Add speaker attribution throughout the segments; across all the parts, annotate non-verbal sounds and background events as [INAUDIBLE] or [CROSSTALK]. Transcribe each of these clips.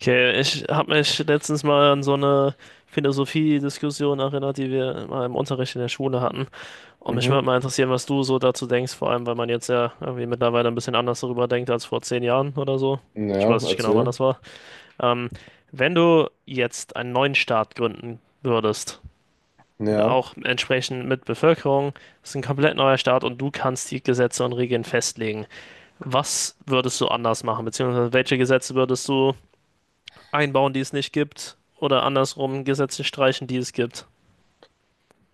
Speaker 1: Okay, ich habe mich letztens mal an so eine Philosophiediskussion erinnert, die wir mal im Unterricht in der Schule hatten. Und mich würde
Speaker 2: Mhm.
Speaker 1: mal interessieren, was du so dazu denkst, vor allem, weil man jetzt ja irgendwie mittlerweile ein bisschen anders darüber denkt als vor 10 Jahren oder so. Ich
Speaker 2: Ja,
Speaker 1: weiß nicht genau, wann
Speaker 2: erzähl.
Speaker 1: das war. Ähm, Wenn du jetzt einen neuen Staat gründen würdest,
Speaker 2: Ja.
Speaker 1: auch entsprechend mit Bevölkerung, das ist ein komplett neuer Staat und du kannst die Gesetze und Regeln festlegen. Was würdest du anders machen, beziehungsweise welche Gesetze würdest du einbauen, die es nicht gibt, oder andersrum Gesetze streichen, die es gibt.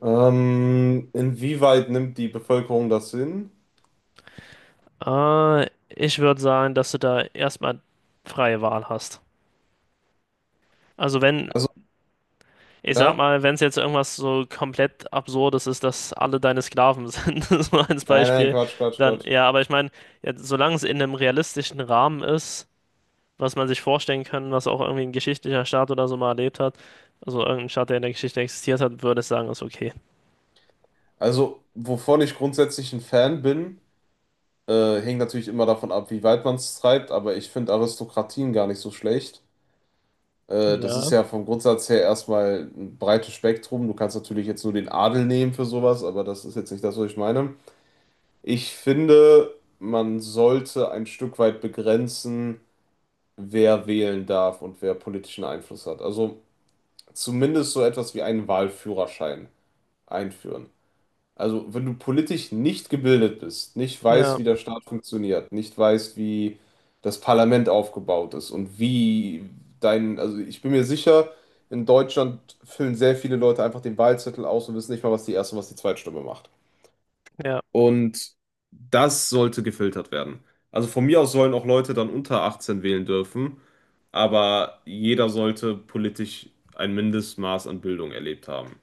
Speaker 2: Inwieweit nimmt die Bevölkerung das hin?
Speaker 1: Ich würde sagen, dass du da erstmal freie Wahl hast. Also wenn,
Speaker 2: Also,
Speaker 1: ich sag
Speaker 2: ja.
Speaker 1: mal, wenn es jetzt irgendwas so komplett Absurdes ist, dass alle deine Sklaven sind, [LAUGHS] so als
Speaker 2: Nein, nein,
Speaker 1: Beispiel,
Speaker 2: Quatsch, Quatsch,
Speaker 1: dann
Speaker 2: Quatsch.
Speaker 1: ja, aber ich meine, ja, solange es in einem realistischen Rahmen ist, was man sich vorstellen kann, was auch irgendwie ein geschichtlicher Staat oder so mal erlebt hat, also irgendein Staat, der in der Geschichte existiert hat, würde ich sagen, ist okay.
Speaker 2: Also, wovon ich grundsätzlich ein Fan bin, hängt natürlich immer davon ab, wie weit man es treibt, aber ich finde Aristokratien gar nicht so schlecht. Das ist
Speaker 1: Ja,
Speaker 2: ja vom Grundsatz her erstmal ein breites Spektrum. Du kannst natürlich jetzt nur den Adel nehmen für sowas, aber das ist jetzt nicht das, was ich meine. Ich finde, man sollte ein Stück weit begrenzen, wer wählen darf und wer politischen Einfluss hat. Also zumindest so etwas wie einen Wahlführerschein einführen. Also wenn du politisch nicht gebildet bist, nicht weißt,
Speaker 1: ja,
Speaker 2: wie der Staat funktioniert, nicht weißt, wie das Parlament aufgebaut ist und wie dein, also ich bin mir sicher, in Deutschland füllen sehr viele Leute einfach den Wahlzettel aus und wissen nicht mal, was die erste und was die Zweitstimme macht.
Speaker 1: ja.
Speaker 2: Und das sollte gefiltert werden. Also von mir aus sollen auch Leute dann unter 18 wählen dürfen, aber jeder sollte politisch ein Mindestmaß an Bildung erlebt haben.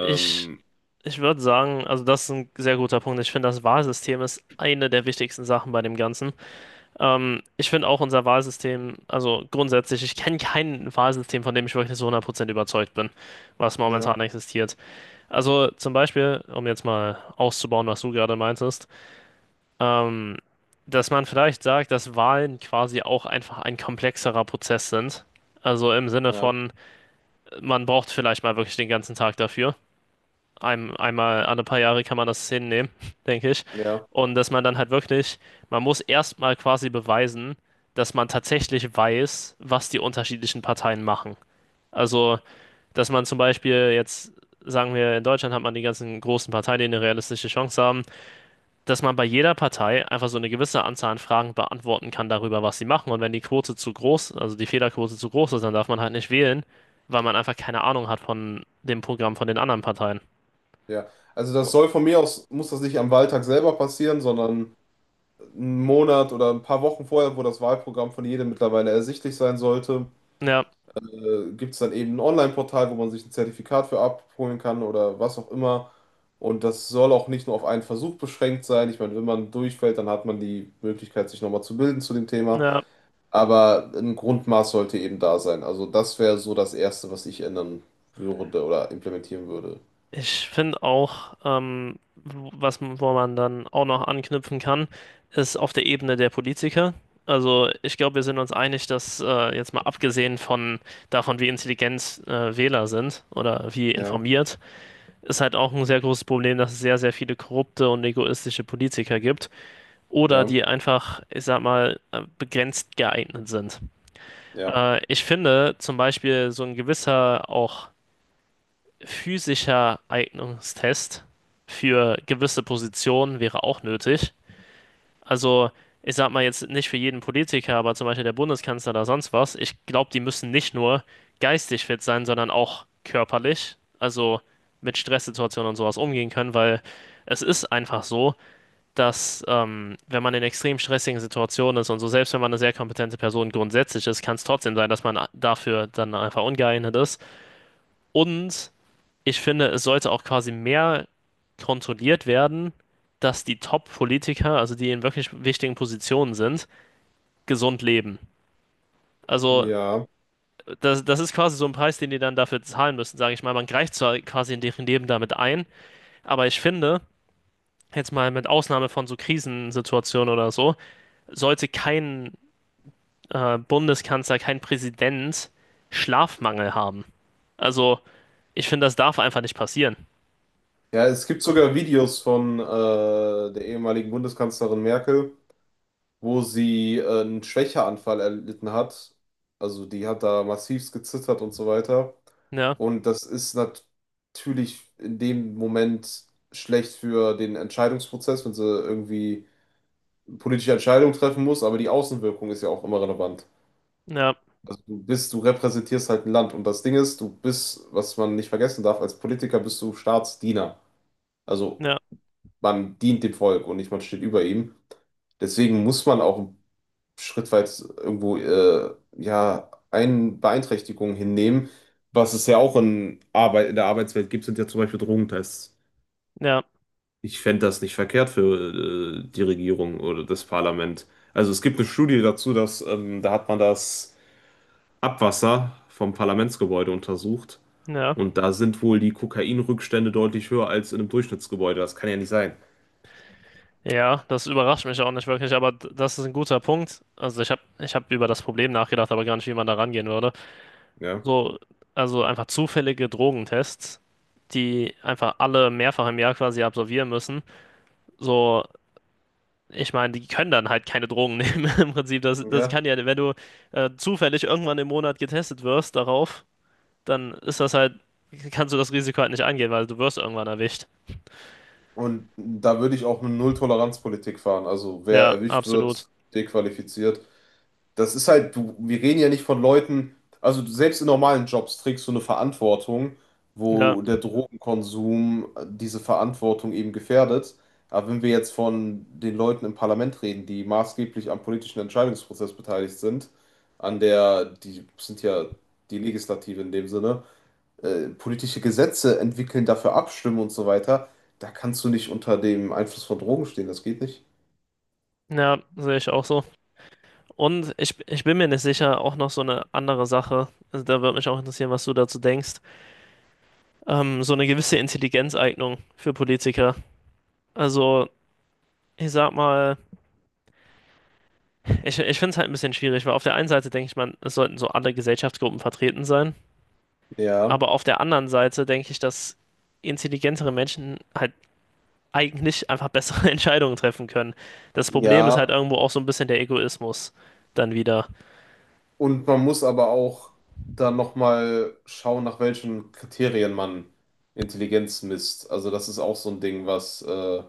Speaker 1: Ich Ich würde sagen, also das ist ein sehr guter Punkt. Ich finde, das Wahlsystem ist eine der wichtigsten Sachen bei dem Ganzen. Ich finde auch unser Wahlsystem, also grundsätzlich, ich kenne kein Wahlsystem, von dem ich wirklich so 100% überzeugt bin, was
Speaker 2: Ja,
Speaker 1: momentan existiert. Also zum Beispiel, um jetzt mal auszubauen, was du gerade meintest, ähm, dass man vielleicht sagt, dass Wahlen quasi auch einfach ein komplexerer Prozess sind. Also im Sinne
Speaker 2: ja,
Speaker 1: von, man braucht vielleicht mal wirklich den ganzen Tag dafür einmal alle paar Jahre kann man das hinnehmen, [LAUGHS] denke ich.
Speaker 2: ja,
Speaker 1: Und dass man dann halt wirklich, man muss erstmal quasi beweisen, dass man tatsächlich weiß, was die unterschiedlichen Parteien machen. Also, dass man zum Beispiel jetzt, sagen wir, in Deutschland hat man die ganzen großen Parteien, die eine realistische Chance haben, dass man bei jeder Partei einfach so eine gewisse Anzahl an Fragen beantworten kann darüber, was sie machen. Und wenn die Quote zu groß, also die Fehlerquote zu groß ist, dann darf man halt nicht wählen, weil man einfach keine Ahnung hat von dem Programm von den anderen Parteien.
Speaker 2: ja. Also das soll von mir aus, muss das nicht am Wahltag selber passieren, sondern einen Monat oder ein paar Wochen vorher, wo das Wahlprogramm von jedem mittlerweile ersichtlich sein sollte.
Speaker 1: Ja,
Speaker 2: Gibt es dann eben ein Online-Portal, wo man sich ein Zertifikat für abholen kann oder was auch immer. Und das soll auch nicht nur auf einen Versuch beschränkt sein. Ich meine, wenn man durchfällt, dann hat man die Möglichkeit, sich nochmal zu bilden zu dem Thema.
Speaker 1: ja.
Speaker 2: Aber ein Grundmaß sollte eben da sein. Also das wäre so das Erste, was ich ändern würde oder implementieren würde.
Speaker 1: Ich finde auch, wo man dann auch noch anknüpfen kann, ist auf der Ebene der Politiker. Also ich glaube, wir sind uns einig, dass jetzt mal abgesehen von davon, wie intelligent Wähler sind oder wie
Speaker 2: Ja,
Speaker 1: informiert, ist halt auch ein sehr großes Problem, dass es sehr, sehr viele korrupte und egoistische Politiker gibt oder
Speaker 2: ja,
Speaker 1: die einfach, ich sag mal, begrenzt geeignet sind.
Speaker 2: ja,
Speaker 1: Ich finde zum Beispiel so ein gewisser auch physischer Eignungstest für gewisse Positionen wäre auch nötig. Also, ich sag mal jetzt nicht für jeden Politiker, aber zum Beispiel der Bundeskanzler oder sonst was. Ich glaube, die müssen nicht nur geistig fit sein, sondern auch körperlich. Also mit Stresssituationen und sowas umgehen können, weil es ist einfach so, dass wenn man in extrem stressigen Situationen ist und so, selbst wenn man eine sehr kompetente Person grundsätzlich ist, kann es trotzdem sein, dass man dafür dann einfach ungeeignet ist. Und ich finde, es sollte auch quasi mehr kontrolliert werden, dass die Top-Politiker, also die in wirklich wichtigen Positionen sind, gesund leben. Also
Speaker 2: ja.
Speaker 1: das ist quasi so ein Preis, den die dann dafür zahlen müssen, sage ich mal. Man greift zwar quasi in deren Leben damit ein, aber ich finde, jetzt mal mit Ausnahme von so Krisensituationen oder so, sollte kein Bundeskanzler, kein Präsident Schlafmangel haben. Also ich finde, das darf einfach nicht passieren.
Speaker 2: Ja, es gibt sogar Videos von der ehemaligen Bundeskanzlerin Merkel, wo sie einen Schwächeanfall erlitten hat. Also die hat da massivst gezittert und so weiter.
Speaker 1: Ja,
Speaker 2: Und das ist natürlich in dem Moment schlecht für den Entscheidungsprozess, wenn sie irgendwie politische Entscheidungen treffen muss, aber die Außenwirkung ist ja auch immer relevant.
Speaker 1: ja,
Speaker 2: Also du bist, du repräsentierst halt ein Land. Und das Ding ist, du bist, was man nicht vergessen darf, als Politiker bist du Staatsdiener. Also
Speaker 1: ja,
Speaker 2: man dient dem Volk und nicht man steht über ihm. Deswegen muss man auch schrittweit irgendwo ja ein Beeinträchtigungen hinnehmen, was es ja auch in der Arbeitswelt gibt, sind ja zum Beispiel Drogentests.
Speaker 1: ja,
Speaker 2: Ich fände das nicht verkehrt für die Regierung oder das Parlament. Also es gibt eine Studie dazu, dass da hat man das Abwasser vom Parlamentsgebäude untersucht
Speaker 1: ja.
Speaker 2: und da sind wohl die Kokainrückstände deutlich höher als in einem Durchschnittsgebäude. Das kann ja nicht sein.
Speaker 1: Ja, das überrascht mich auch nicht wirklich, aber das ist ein guter Punkt. Also ich hab über das Problem nachgedacht, aber gar nicht, wie man da rangehen würde.
Speaker 2: Ja.
Speaker 1: So, also einfach zufällige Drogentests, die einfach alle mehrfach im Jahr quasi absolvieren müssen. So, ich meine, die können dann halt keine Drogen [LAUGHS] nehmen im Prinzip. Das
Speaker 2: Ja.
Speaker 1: kann ja, wenn du zufällig irgendwann im Monat getestet wirst darauf, dann ist das halt, kannst du das Risiko halt nicht angehen, weil du wirst irgendwann erwischt.
Speaker 2: Und da würde ich auch eine Null-Toleranz-Politik fahren. Also wer
Speaker 1: Ja,
Speaker 2: erwischt
Speaker 1: absolut.
Speaker 2: wird, dequalifiziert. Das ist halt, du, wir reden ja nicht von Leuten, also selbst in normalen Jobs trägst du eine Verantwortung,
Speaker 1: Ja,
Speaker 2: wo der Drogenkonsum diese Verantwortung eben gefährdet. Aber wenn wir jetzt von den Leuten im Parlament reden, die maßgeblich am politischen Entscheidungsprozess beteiligt sind, an der, die sind ja die Legislative in dem Sinne, politische Gesetze entwickeln, dafür abstimmen und so weiter, da kannst du nicht unter dem Einfluss von Drogen stehen, das geht nicht.
Speaker 1: ja, sehe ich auch so. Und ich bin mir nicht sicher, auch noch so eine andere Sache, also da würde mich auch interessieren, was du dazu denkst, so eine gewisse Intelligenzeignung für Politiker. Also ich sag mal, ich finde es halt ein bisschen schwierig, weil auf der einen Seite denke ich, man, es sollten so alle Gesellschaftsgruppen vertreten sein,
Speaker 2: Ja,
Speaker 1: aber auf der anderen Seite denke ich, dass intelligentere Menschen halt eigentlich einfach bessere [LAUGHS] Entscheidungen treffen können. Das Problem ist halt
Speaker 2: ja,
Speaker 1: irgendwo auch so ein bisschen der Egoismus dann wieder.
Speaker 2: und man muss aber auch dann nochmal schauen, nach welchen Kriterien man Intelligenz misst. Also das ist auch so ein Ding, was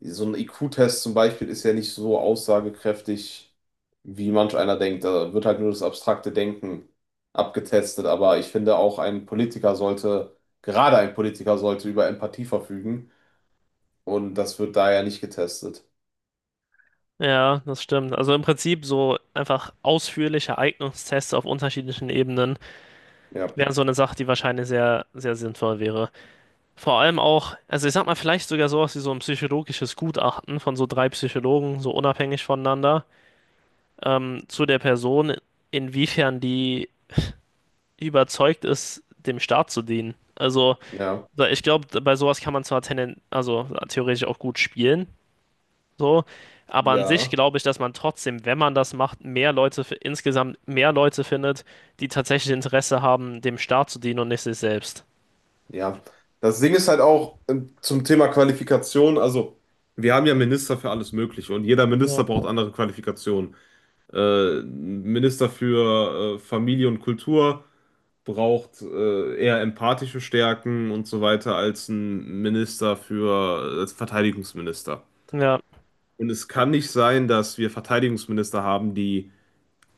Speaker 2: so ein IQ-Test zum Beispiel ist ja nicht so aussagekräftig, wie manch einer denkt. Da wird halt nur das abstrakte Denken abgetestet. Aber ich finde auch ein Politiker sollte, gerade ein Politiker sollte über Empathie verfügen. Und das wird da ja nicht getestet.
Speaker 1: Ja, das stimmt. Also im Prinzip so einfach ausführliche Eignungstests auf unterschiedlichen Ebenen
Speaker 2: Ja,
Speaker 1: wären so eine Sache, die wahrscheinlich sehr, sehr sinnvoll wäre. Vor allem auch, also ich sag mal, vielleicht sogar sowas wie so ein psychologisches Gutachten von so drei Psychologen, so unabhängig voneinander, zu der Person, inwiefern die überzeugt ist, dem Staat zu dienen. Also
Speaker 2: ja,
Speaker 1: ich glaube, bei sowas kann man zwar also theoretisch auch gut spielen, so, aber an sich
Speaker 2: ja.
Speaker 1: glaube ich, dass man trotzdem, wenn man das macht, mehr Leute insgesamt mehr Leute findet, die tatsächlich Interesse haben, dem Staat zu dienen und nicht sich selbst.
Speaker 2: Ja. Das Ding ist halt auch zum Thema Qualifikation, also. Wir haben ja Minister für alles Mögliche und jeder
Speaker 1: Ja.
Speaker 2: Minister braucht andere Qualifikationen. Minister für Familie und Kultur, braucht eher empathische Stärken und so weiter als ein Minister für, als Verteidigungsminister.
Speaker 1: Ja,
Speaker 2: Und es kann nicht sein, dass wir Verteidigungsminister haben, die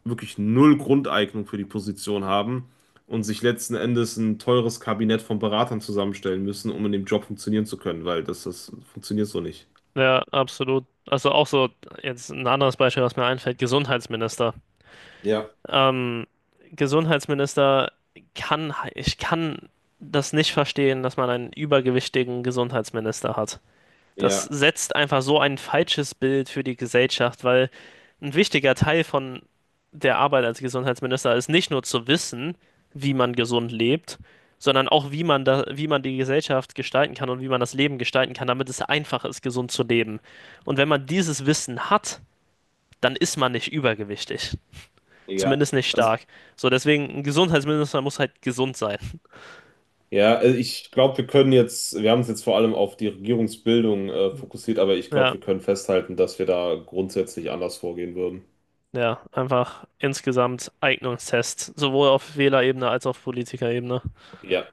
Speaker 2: wirklich null Grundeignung für die Position haben und sich letzten Endes ein teures Kabinett von Beratern zusammenstellen müssen, um in dem Job funktionieren zu können, weil das, das funktioniert so nicht.
Speaker 1: ja, absolut. Also auch so, jetzt ein anderes Beispiel, was mir einfällt, Gesundheitsminister.
Speaker 2: Ja,
Speaker 1: Ähm, Gesundheitsminister kann, ich kann das nicht verstehen, dass man einen übergewichtigen Gesundheitsminister hat. Das
Speaker 2: ja,
Speaker 1: setzt einfach so ein falsches Bild für die Gesellschaft, weil ein wichtiger Teil von der Arbeit als Gesundheitsminister ist nicht nur zu wissen, wie man gesund lebt, sondern auch, wie man da, wie man die Gesellschaft gestalten kann und wie man das Leben gestalten kann, damit es einfach ist, gesund zu leben. Und wenn man dieses Wissen hat, dann ist man nicht übergewichtig.
Speaker 2: ja.
Speaker 1: Zumindest nicht
Speaker 2: Also
Speaker 1: stark. So, deswegen, ein Gesundheitsminister muss halt gesund sein.
Speaker 2: ja, also ich glaube, wir können jetzt, wir haben es jetzt vor allem auf die Regierungsbildung fokussiert, aber ich glaube,
Speaker 1: Ja,
Speaker 2: wir können festhalten, dass wir da grundsätzlich anders vorgehen würden.
Speaker 1: ja, einfach insgesamt Eignungstest, sowohl auf Wählerebene als auch auf Politikerebene.
Speaker 2: Ja.